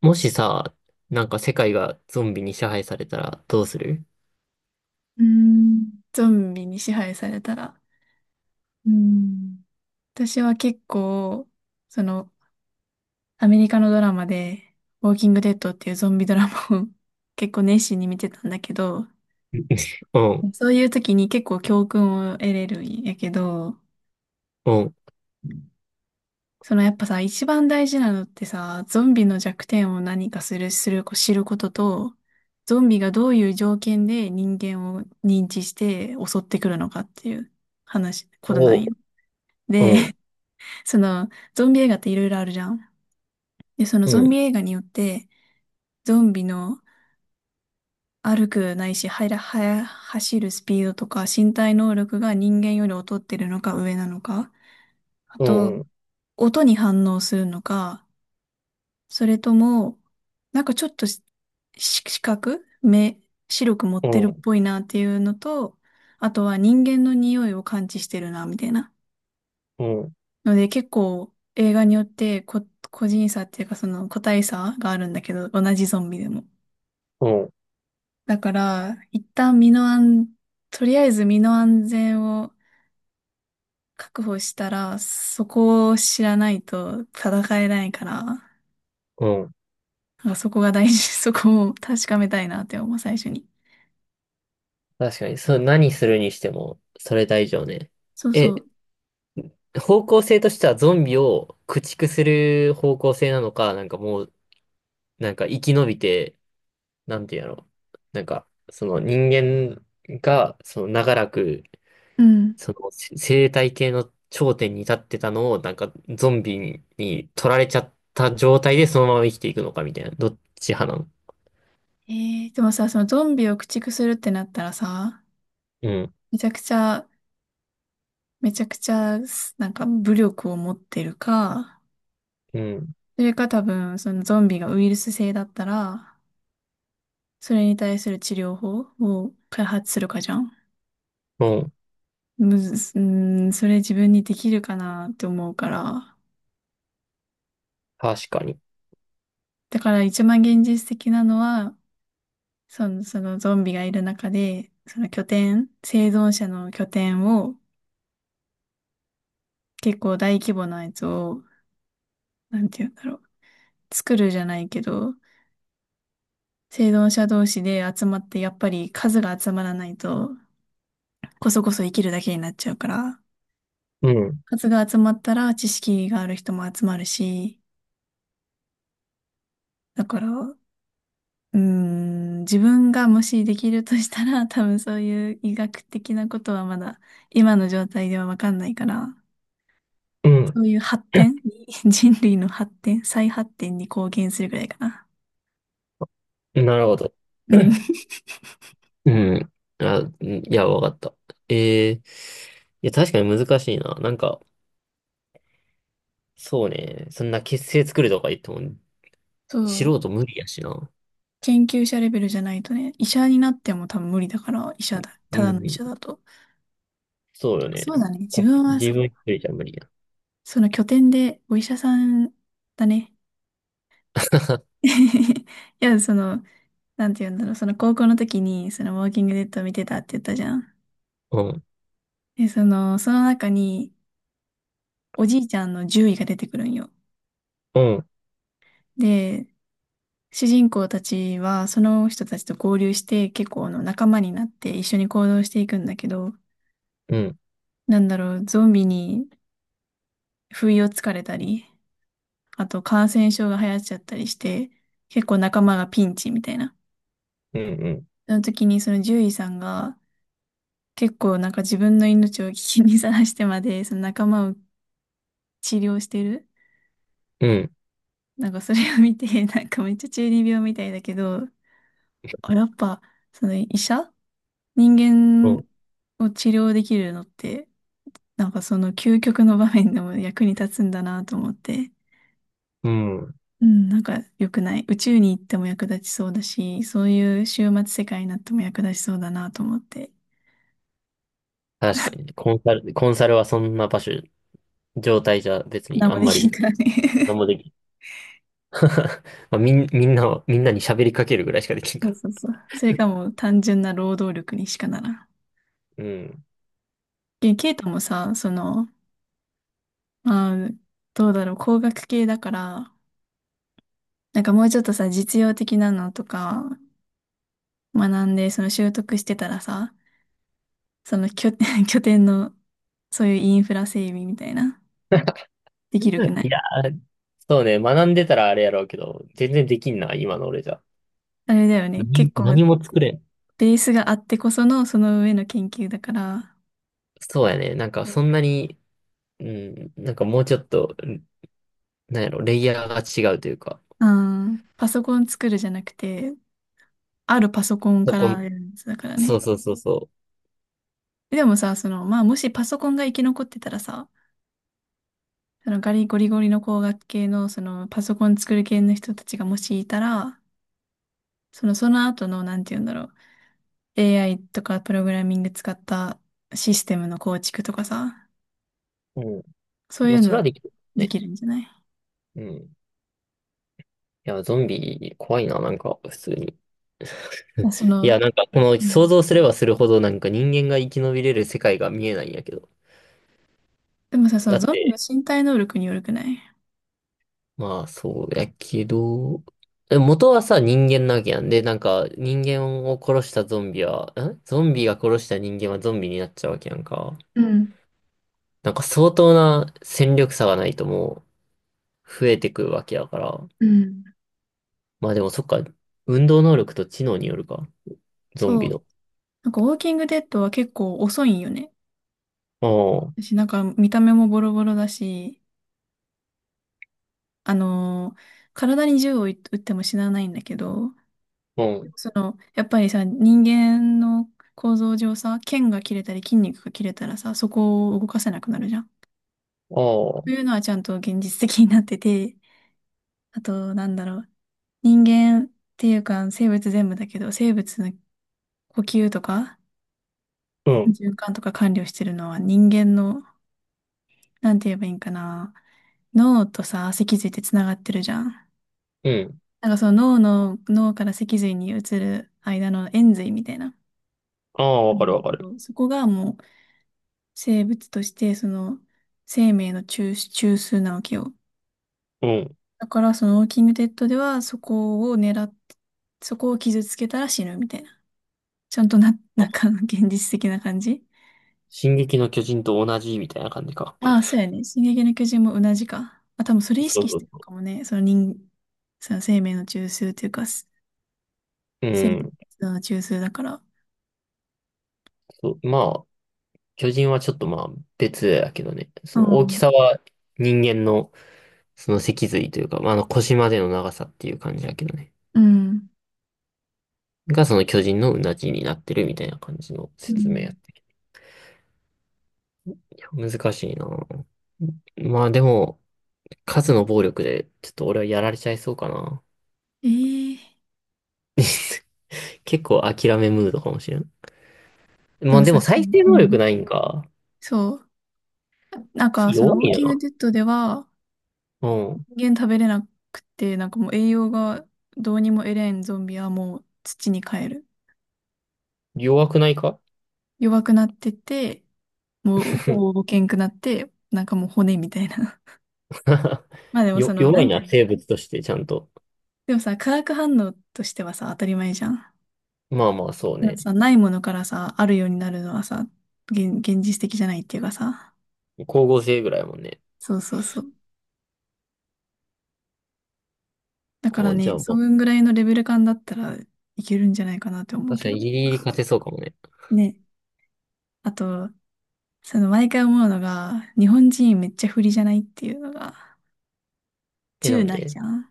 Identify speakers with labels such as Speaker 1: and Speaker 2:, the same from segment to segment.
Speaker 1: もしさ、なんか世界がゾンビに支配されたらどうする？
Speaker 2: うーん、ゾンビに支配されたら。うーん、私は結構、その、アメリカのドラマで、ウォーキングデッドっていうゾンビドラマを 結構熱心に見てたんだけど、
Speaker 1: うん。
Speaker 2: そういう時に結構教訓を得れるんやけど、
Speaker 1: うん。
Speaker 2: やっぱさ、一番大事なのってさ、ゾンビの弱点を何かする、する、知ることと、ゾンビがどういう条件で人間を認知して襲ってくるのかっていうことな
Speaker 1: お
Speaker 2: ん
Speaker 1: う。
Speaker 2: よ。
Speaker 1: う
Speaker 2: で、
Speaker 1: ん。
Speaker 2: その、ゾンビ映画っていろいろあるじゃん。で、その
Speaker 1: う
Speaker 2: ゾン
Speaker 1: ん。
Speaker 2: ビ映画によって、ゾンビの歩くないし、はや、はや、走るスピードとか、身体能力が人間より劣ってるのか上なのか、あ
Speaker 1: う
Speaker 2: と、
Speaker 1: ん。
Speaker 2: 音に反応するのか、それとも、なんかちょっと視覚、目、白く持っ
Speaker 1: う
Speaker 2: てるっ
Speaker 1: ん。
Speaker 2: ぽいなっていうのと、あとは人間の匂いを感知してるな、みたいな。
Speaker 1: うん。
Speaker 2: ので結構映画によって個人差っていうかその個体差があるんだけど、同じゾンビでも。
Speaker 1: うん。
Speaker 2: だから、一旦身の安、とりあえず身の安全を確保したら、そこを知らないと戦えないから、な
Speaker 1: うん。
Speaker 2: んかそこが大事、そこを確かめたいなって思う、最初に。
Speaker 1: 確かに、そう、何するにしても、それ大丈夫ね。
Speaker 2: そうそ
Speaker 1: え、
Speaker 2: う。
Speaker 1: 方向性としてはゾンビを駆逐する方向性なのか、なんかもう、なんか生き延びて、なんていうの、なんか、その人間が、その長らく
Speaker 2: うん。
Speaker 1: その生態系の頂点に立ってたのを、なんかゾンビに取られちゃった状態でそのまま生きていくのかみたいな。どっち派なの？
Speaker 2: でもさ、そのゾンビを駆逐するってなったらさ、
Speaker 1: うん。
Speaker 2: めちゃくちゃ、めちゃくちゃ、なんか武力を持ってるか、
Speaker 1: うん。
Speaker 2: それか多分、そのゾンビがウイルス性だったら、それに対する治療法を開発するかじゃん。
Speaker 1: うん。
Speaker 2: むず、うーん、それ自分にできるかなって思うから。
Speaker 1: 確かに。
Speaker 2: だから一番現実的なのは、そのゾンビがいる中で、その拠点、生存者の拠点を結構大規模なやつを、なんて言うんだろう。作るじゃないけど、生存者同士で集まって、やっぱり数が集まらないと、こそこそ生きるだけになっちゃうから。
Speaker 1: うん。
Speaker 2: 数が集まったら知識がある人も集まるし、だから、自分がもしできるとしたら、多分そういう医学的なことはまだ今の状態ではわかんないから、
Speaker 1: う
Speaker 2: そ
Speaker 1: ん。
Speaker 2: ういう発展に、人類の発展、再発展に貢献するぐらいかな。
Speaker 1: なるほど。
Speaker 2: うん。
Speaker 1: うん。あ、うん、いや、わかった。いや、確かに難しいな。なんか、そうね。そんな結成作るとか言っても、
Speaker 2: そう。
Speaker 1: 素人無理やしな。
Speaker 2: 研究者レベルじゃないとね、医者になっても多分無理だから、医者だ。
Speaker 1: う
Speaker 2: ただの医
Speaker 1: ん。
Speaker 2: 者だと。
Speaker 1: そうよね。
Speaker 2: そうだね。自分は
Speaker 1: 自分一人じゃ無理や。
Speaker 2: その拠点でお医者さんだね。いや、なんて言うんだろう、その高校の時に、そのウォーキングデッドを見てたって言ったじゃん。
Speaker 1: うん。
Speaker 2: で、その中に、おじいちゃんの獣医が出てくるんよ。
Speaker 1: うん。
Speaker 2: で、主人公たちは、その人たちと合流して、結構あの仲間になって一緒に行動していくんだけど、
Speaker 1: うん。
Speaker 2: なんだろう、ゾンビに不意をつかれたり、あと感染症が流行っちゃったりして、結構仲間がピンチみたいな。
Speaker 1: うん。うん。
Speaker 2: その時にその獣医さんが、結構なんか自分の命を危機にさらしてまで、その仲間を治療してる。
Speaker 1: うん、
Speaker 2: なんかそれを見て、なんかめっちゃ中二病みたいだけど、あ、やっぱ、その医者人
Speaker 1: そ
Speaker 2: 間を治療できるのって、なんかその究極の場面でも役に立つんだなと思って、
Speaker 1: う。うん。
Speaker 2: うん、なんか良くない？宇宙に行っても役立ちそうだし、そういう終末世界になっても役立ちそうだなと思って、
Speaker 1: 確かに。コンサルはそんな場所、状態じゃ別に
Speaker 2: 何
Speaker 1: あ
Speaker 2: も
Speaker 1: ん
Speaker 2: で
Speaker 1: ま
Speaker 2: きん
Speaker 1: り
Speaker 2: から
Speaker 1: 何
Speaker 2: ね。
Speaker 1: もできない。 まあ、みんなに喋りかけるぐらいしかでき ん
Speaker 2: そ
Speaker 1: か
Speaker 2: う
Speaker 1: ら。
Speaker 2: そうそう。それかもう単純な労働力にしかならん。
Speaker 1: うん。
Speaker 2: でケイトもさ、まあ、どうだろう、工学系だから、なんかもうちょっとさ、実用的なのとか学んで、その習得してたらさ、その拠点、拠点の、そういうインフラ整備みたいな、できるくな
Speaker 1: い
Speaker 2: い？
Speaker 1: やー、そうね。学んでたらあれやろうけど、全然できんな、今の俺じゃ。
Speaker 2: あれだよね。
Speaker 1: 何、
Speaker 2: 結構、
Speaker 1: 何も作れん。
Speaker 2: ベースがあってこその、その上の研究だから、
Speaker 1: そうやね。なんかそんなに、うん、なんかもうちょっと、うん、なんやろ、レイヤーが違うというか、
Speaker 2: うん、パソコン作るじゃなくて、あるパソコン
Speaker 1: そ
Speaker 2: か
Speaker 1: こ、
Speaker 2: らやるやつだから
Speaker 1: そう
Speaker 2: ね。
Speaker 1: そうそうそ
Speaker 2: でもさ、まあ、もしパソコンが生き残ってたらさ、そのガリゴリゴリの工学系の、パソコン作る系の人たちがもしいたら、その後の、なんて言うんだろう。AI とかプログラミング使ったシステムの構築とかさ、
Speaker 1: う。うん。
Speaker 2: そう
Speaker 1: ま
Speaker 2: い
Speaker 1: あ、
Speaker 2: う
Speaker 1: それ
Speaker 2: の
Speaker 1: はできる
Speaker 2: で
Speaker 1: ね。
Speaker 2: きるんじゃない？
Speaker 1: うん。いや、ゾンビ怖いな、なんか、普通に。
Speaker 2: いや
Speaker 1: いや、なんか、この
Speaker 2: う
Speaker 1: 想
Speaker 2: ん、
Speaker 1: 像すればするほど、なんか人間が生き延びれる世界が見えないんやけど。
Speaker 2: でもさ、そ
Speaker 1: だ
Speaker 2: の
Speaker 1: っ
Speaker 2: ゾンビの
Speaker 1: て、
Speaker 2: 身体能力によるくない？
Speaker 1: まあ、そうやけど、元はさ、人間なわけやん。で、なんか、人間を殺したゾンビは、ゾンビが殺した人間はゾンビになっちゃうわけやんか。
Speaker 2: うん、
Speaker 1: なんか、相当な戦力差がないともう、増えてくるわけやから。
Speaker 2: うん。
Speaker 1: まあでも、そっか、運動能力と知能によるか。ゾンビ
Speaker 2: そう。
Speaker 1: の。
Speaker 2: なんかウォーキングデッドは結構遅いんよね。
Speaker 1: ああ、
Speaker 2: 私なんか見た目もボロボロだし、あのー体に銃を撃っても死なないんだけど、
Speaker 1: うん、
Speaker 2: やっぱりさ、人間の構造上さ、腱が切れたり筋肉が切れたらさ、そこを動かせなくなるじゃん。
Speaker 1: あ
Speaker 2: と
Speaker 1: あ、
Speaker 2: いうのはちゃんと現実的になってて、あと、なんだろう。人間っていうか、生物全部だけど、生物の呼吸とか、
Speaker 1: うん、
Speaker 2: 循環とか管理をしてるのは人間の、なんて言えばいいんかな。脳とさ、脊髄ってつながってるじゃん。
Speaker 1: うん。
Speaker 2: なんか脳から脊髄に移る間の延髄みたいな。
Speaker 1: ああ、わかるわかる。
Speaker 2: うんそこがもう生物として、その生命の中枢なわけよ。
Speaker 1: うん。
Speaker 2: だからそのウォーキングデッドではそこを狙って、そこを傷つけたら死ぬみたいな。ちゃんとな、なんか現実的な感じ。
Speaker 1: 進撃の巨人と同じみたいな感じか。
Speaker 2: ああ、そうやね。進撃の巨人も同じか。あ、多分それ意
Speaker 1: そう
Speaker 2: 識し
Speaker 1: そ
Speaker 2: て
Speaker 1: う
Speaker 2: るのか
Speaker 1: そ
Speaker 2: もね。その人、その生命の中枢というか、
Speaker 1: う。う
Speaker 2: 生体
Speaker 1: ん。
Speaker 2: 活動の中枢だから。
Speaker 1: そう、まあ、巨人はちょっとまあ別だけどね。
Speaker 2: う
Speaker 1: その大き
Speaker 2: ん。
Speaker 1: さは人間のその脊髄というか、まあ、あの腰までの長さっていう感じだけどね。
Speaker 2: うん。
Speaker 1: がその巨人のうなじになってるみたいな感じの
Speaker 2: う
Speaker 1: 説明やっ
Speaker 2: ん
Speaker 1: て、いや難しいな。まあでも、数の暴力でちょっと俺はやられちゃいそうかな。
Speaker 2: ええ
Speaker 1: 結構諦めムードかもしれん。
Speaker 2: で
Speaker 1: まあ
Speaker 2: も
Speaker 1: で
Speaker 2: さ、
Speaker 1: も
Speaker 2: う
Speaker 1: 再
Speaker 2: ん。
Speaker 1: 生
Speaker 2: う
Speaker 1: 能力
Speaker 2: ん
Speaker 1: ないんか。
Speaker 2: そう。なんかそ
Speaker 1: 弱
Speaker 2: のウォー
Speaker 1: い
Speaker 2: キング
Speaker 1: な。
Speaker 2: デッドでは、
Speaker 1: うん。
Speaker 2: 人間食べれなくて、なんかもう栄養がどうにも得れんゾンビはもう土に帰る。
Speaker 1: 弱くないか？
Speaker 2: 弱くなってて、もう ほぼけんくなって、なんかもう骨みたいな。まあでも
Speaker 1: 弱
Speaker 2: な
Speaker 1: い
Speaker 2: んてい
Speaker 1: な、
Speaker 2: うの。
Speaker 1: 生物としてちゃんと。
Speaker 2: でもさ、化学反応としてはさ、当たり前じゃん。
Speaker 1: まあまあ、そう
Speaker 2: でも
Speaker 1: ね。
Speaker 2: さ、ないものからさ、あるようになるのはさ、現実的じゃないっていうかさ。
Speaker 1: 光合成ぐらいやもんね。
Speaker 2: そうそうそう。だから
Speaker 1: あ、じゃ
Speaker 2: ね、
Speaker 1: あ
Speaker 2: そ
Speaker 1: もう
Speaker 2: んぐらいのレベル感だったらいけるんじゃないかなって思う
Speaker 1: 確か
Speaker 2: けど。
Speaker 1: にギリギリ勝てそうかもね。
Speaker 2: ね。あと、毎回思うのが、日本人めっちゃ不利じゃないっていうのが、
Speaker 1: え、な
Speaker 2: 銃
Speaker 1: ん
Speaker 2: ない
Speaker 1: で？
Speaker 2: じゃん。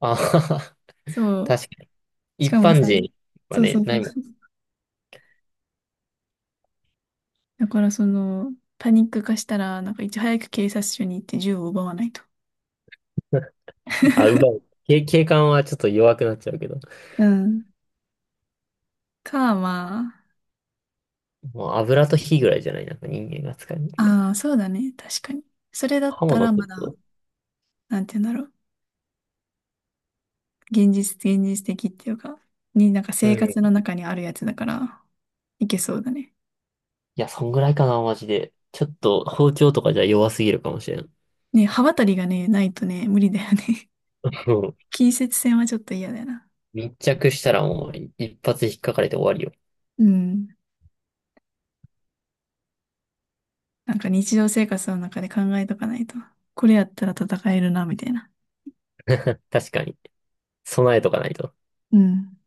Speaker 1: あ。
Speaker 2: そ う。
Speaker 1: 確かに。
Speaker 2: し
Speaker 1: 一
Speaker 2: かも
Speaker 1: 般
Speaker 2: さ、
Speaker 1: 人は
Speaker 2: そう
Speaker 1: ね、
Speaker 2: そうそ
Speaker 1: ないもん。
Speaker 2: う。だからパニック化したら、なんかいち早く警察署に行って銃を奪わないと。
Speaker 1: あ、奪う。警官はちょっと弱くなっちゃうけど。
Speaker 2: うん。ま
Speaker 1: もう油と火ぐらいじゃないなんか人間が使うのって。
Speaker 2: あ、ああ、そうだね。確かに。それだっ
Speaker 1: 刃
Speaker 2: た
Speaker 1: 物
Speaker 2: ら
Speaker 1: 取
Speaker 2: ま
Speaker 1: る
Speaker 2: だ、
Speaker 1: と。
Speaker 2: なんて言うんだろう。現実的っていうか、になんか
Speaker 1: う
Speaker 2: 生
Speaker 1: ん。
Speaker 2: 活の
Speaker 1: い
Speaker 2: 中にあるやつだから、いけそうだね。
Speaker 1: や、そんぐらいかな、マジで。ちょっと包丁とかじゃ弱すぎるかもしれん。
Speaker 2: ね、刃渡りがね、ないとね、無理だよね。
Speaker 1: うん。
Speaker 2: 近接戦はちょっと嫌だよな。
Speaker 1: 密着したらもう一発引っかかれて終わりよ。
Speaker 2: うん。なんか日常生活の中で考えとかないと。これやったら戦えるな、みたいな。
Speaker 1: 確かに。備えとかないと。
Speaker 2: うん。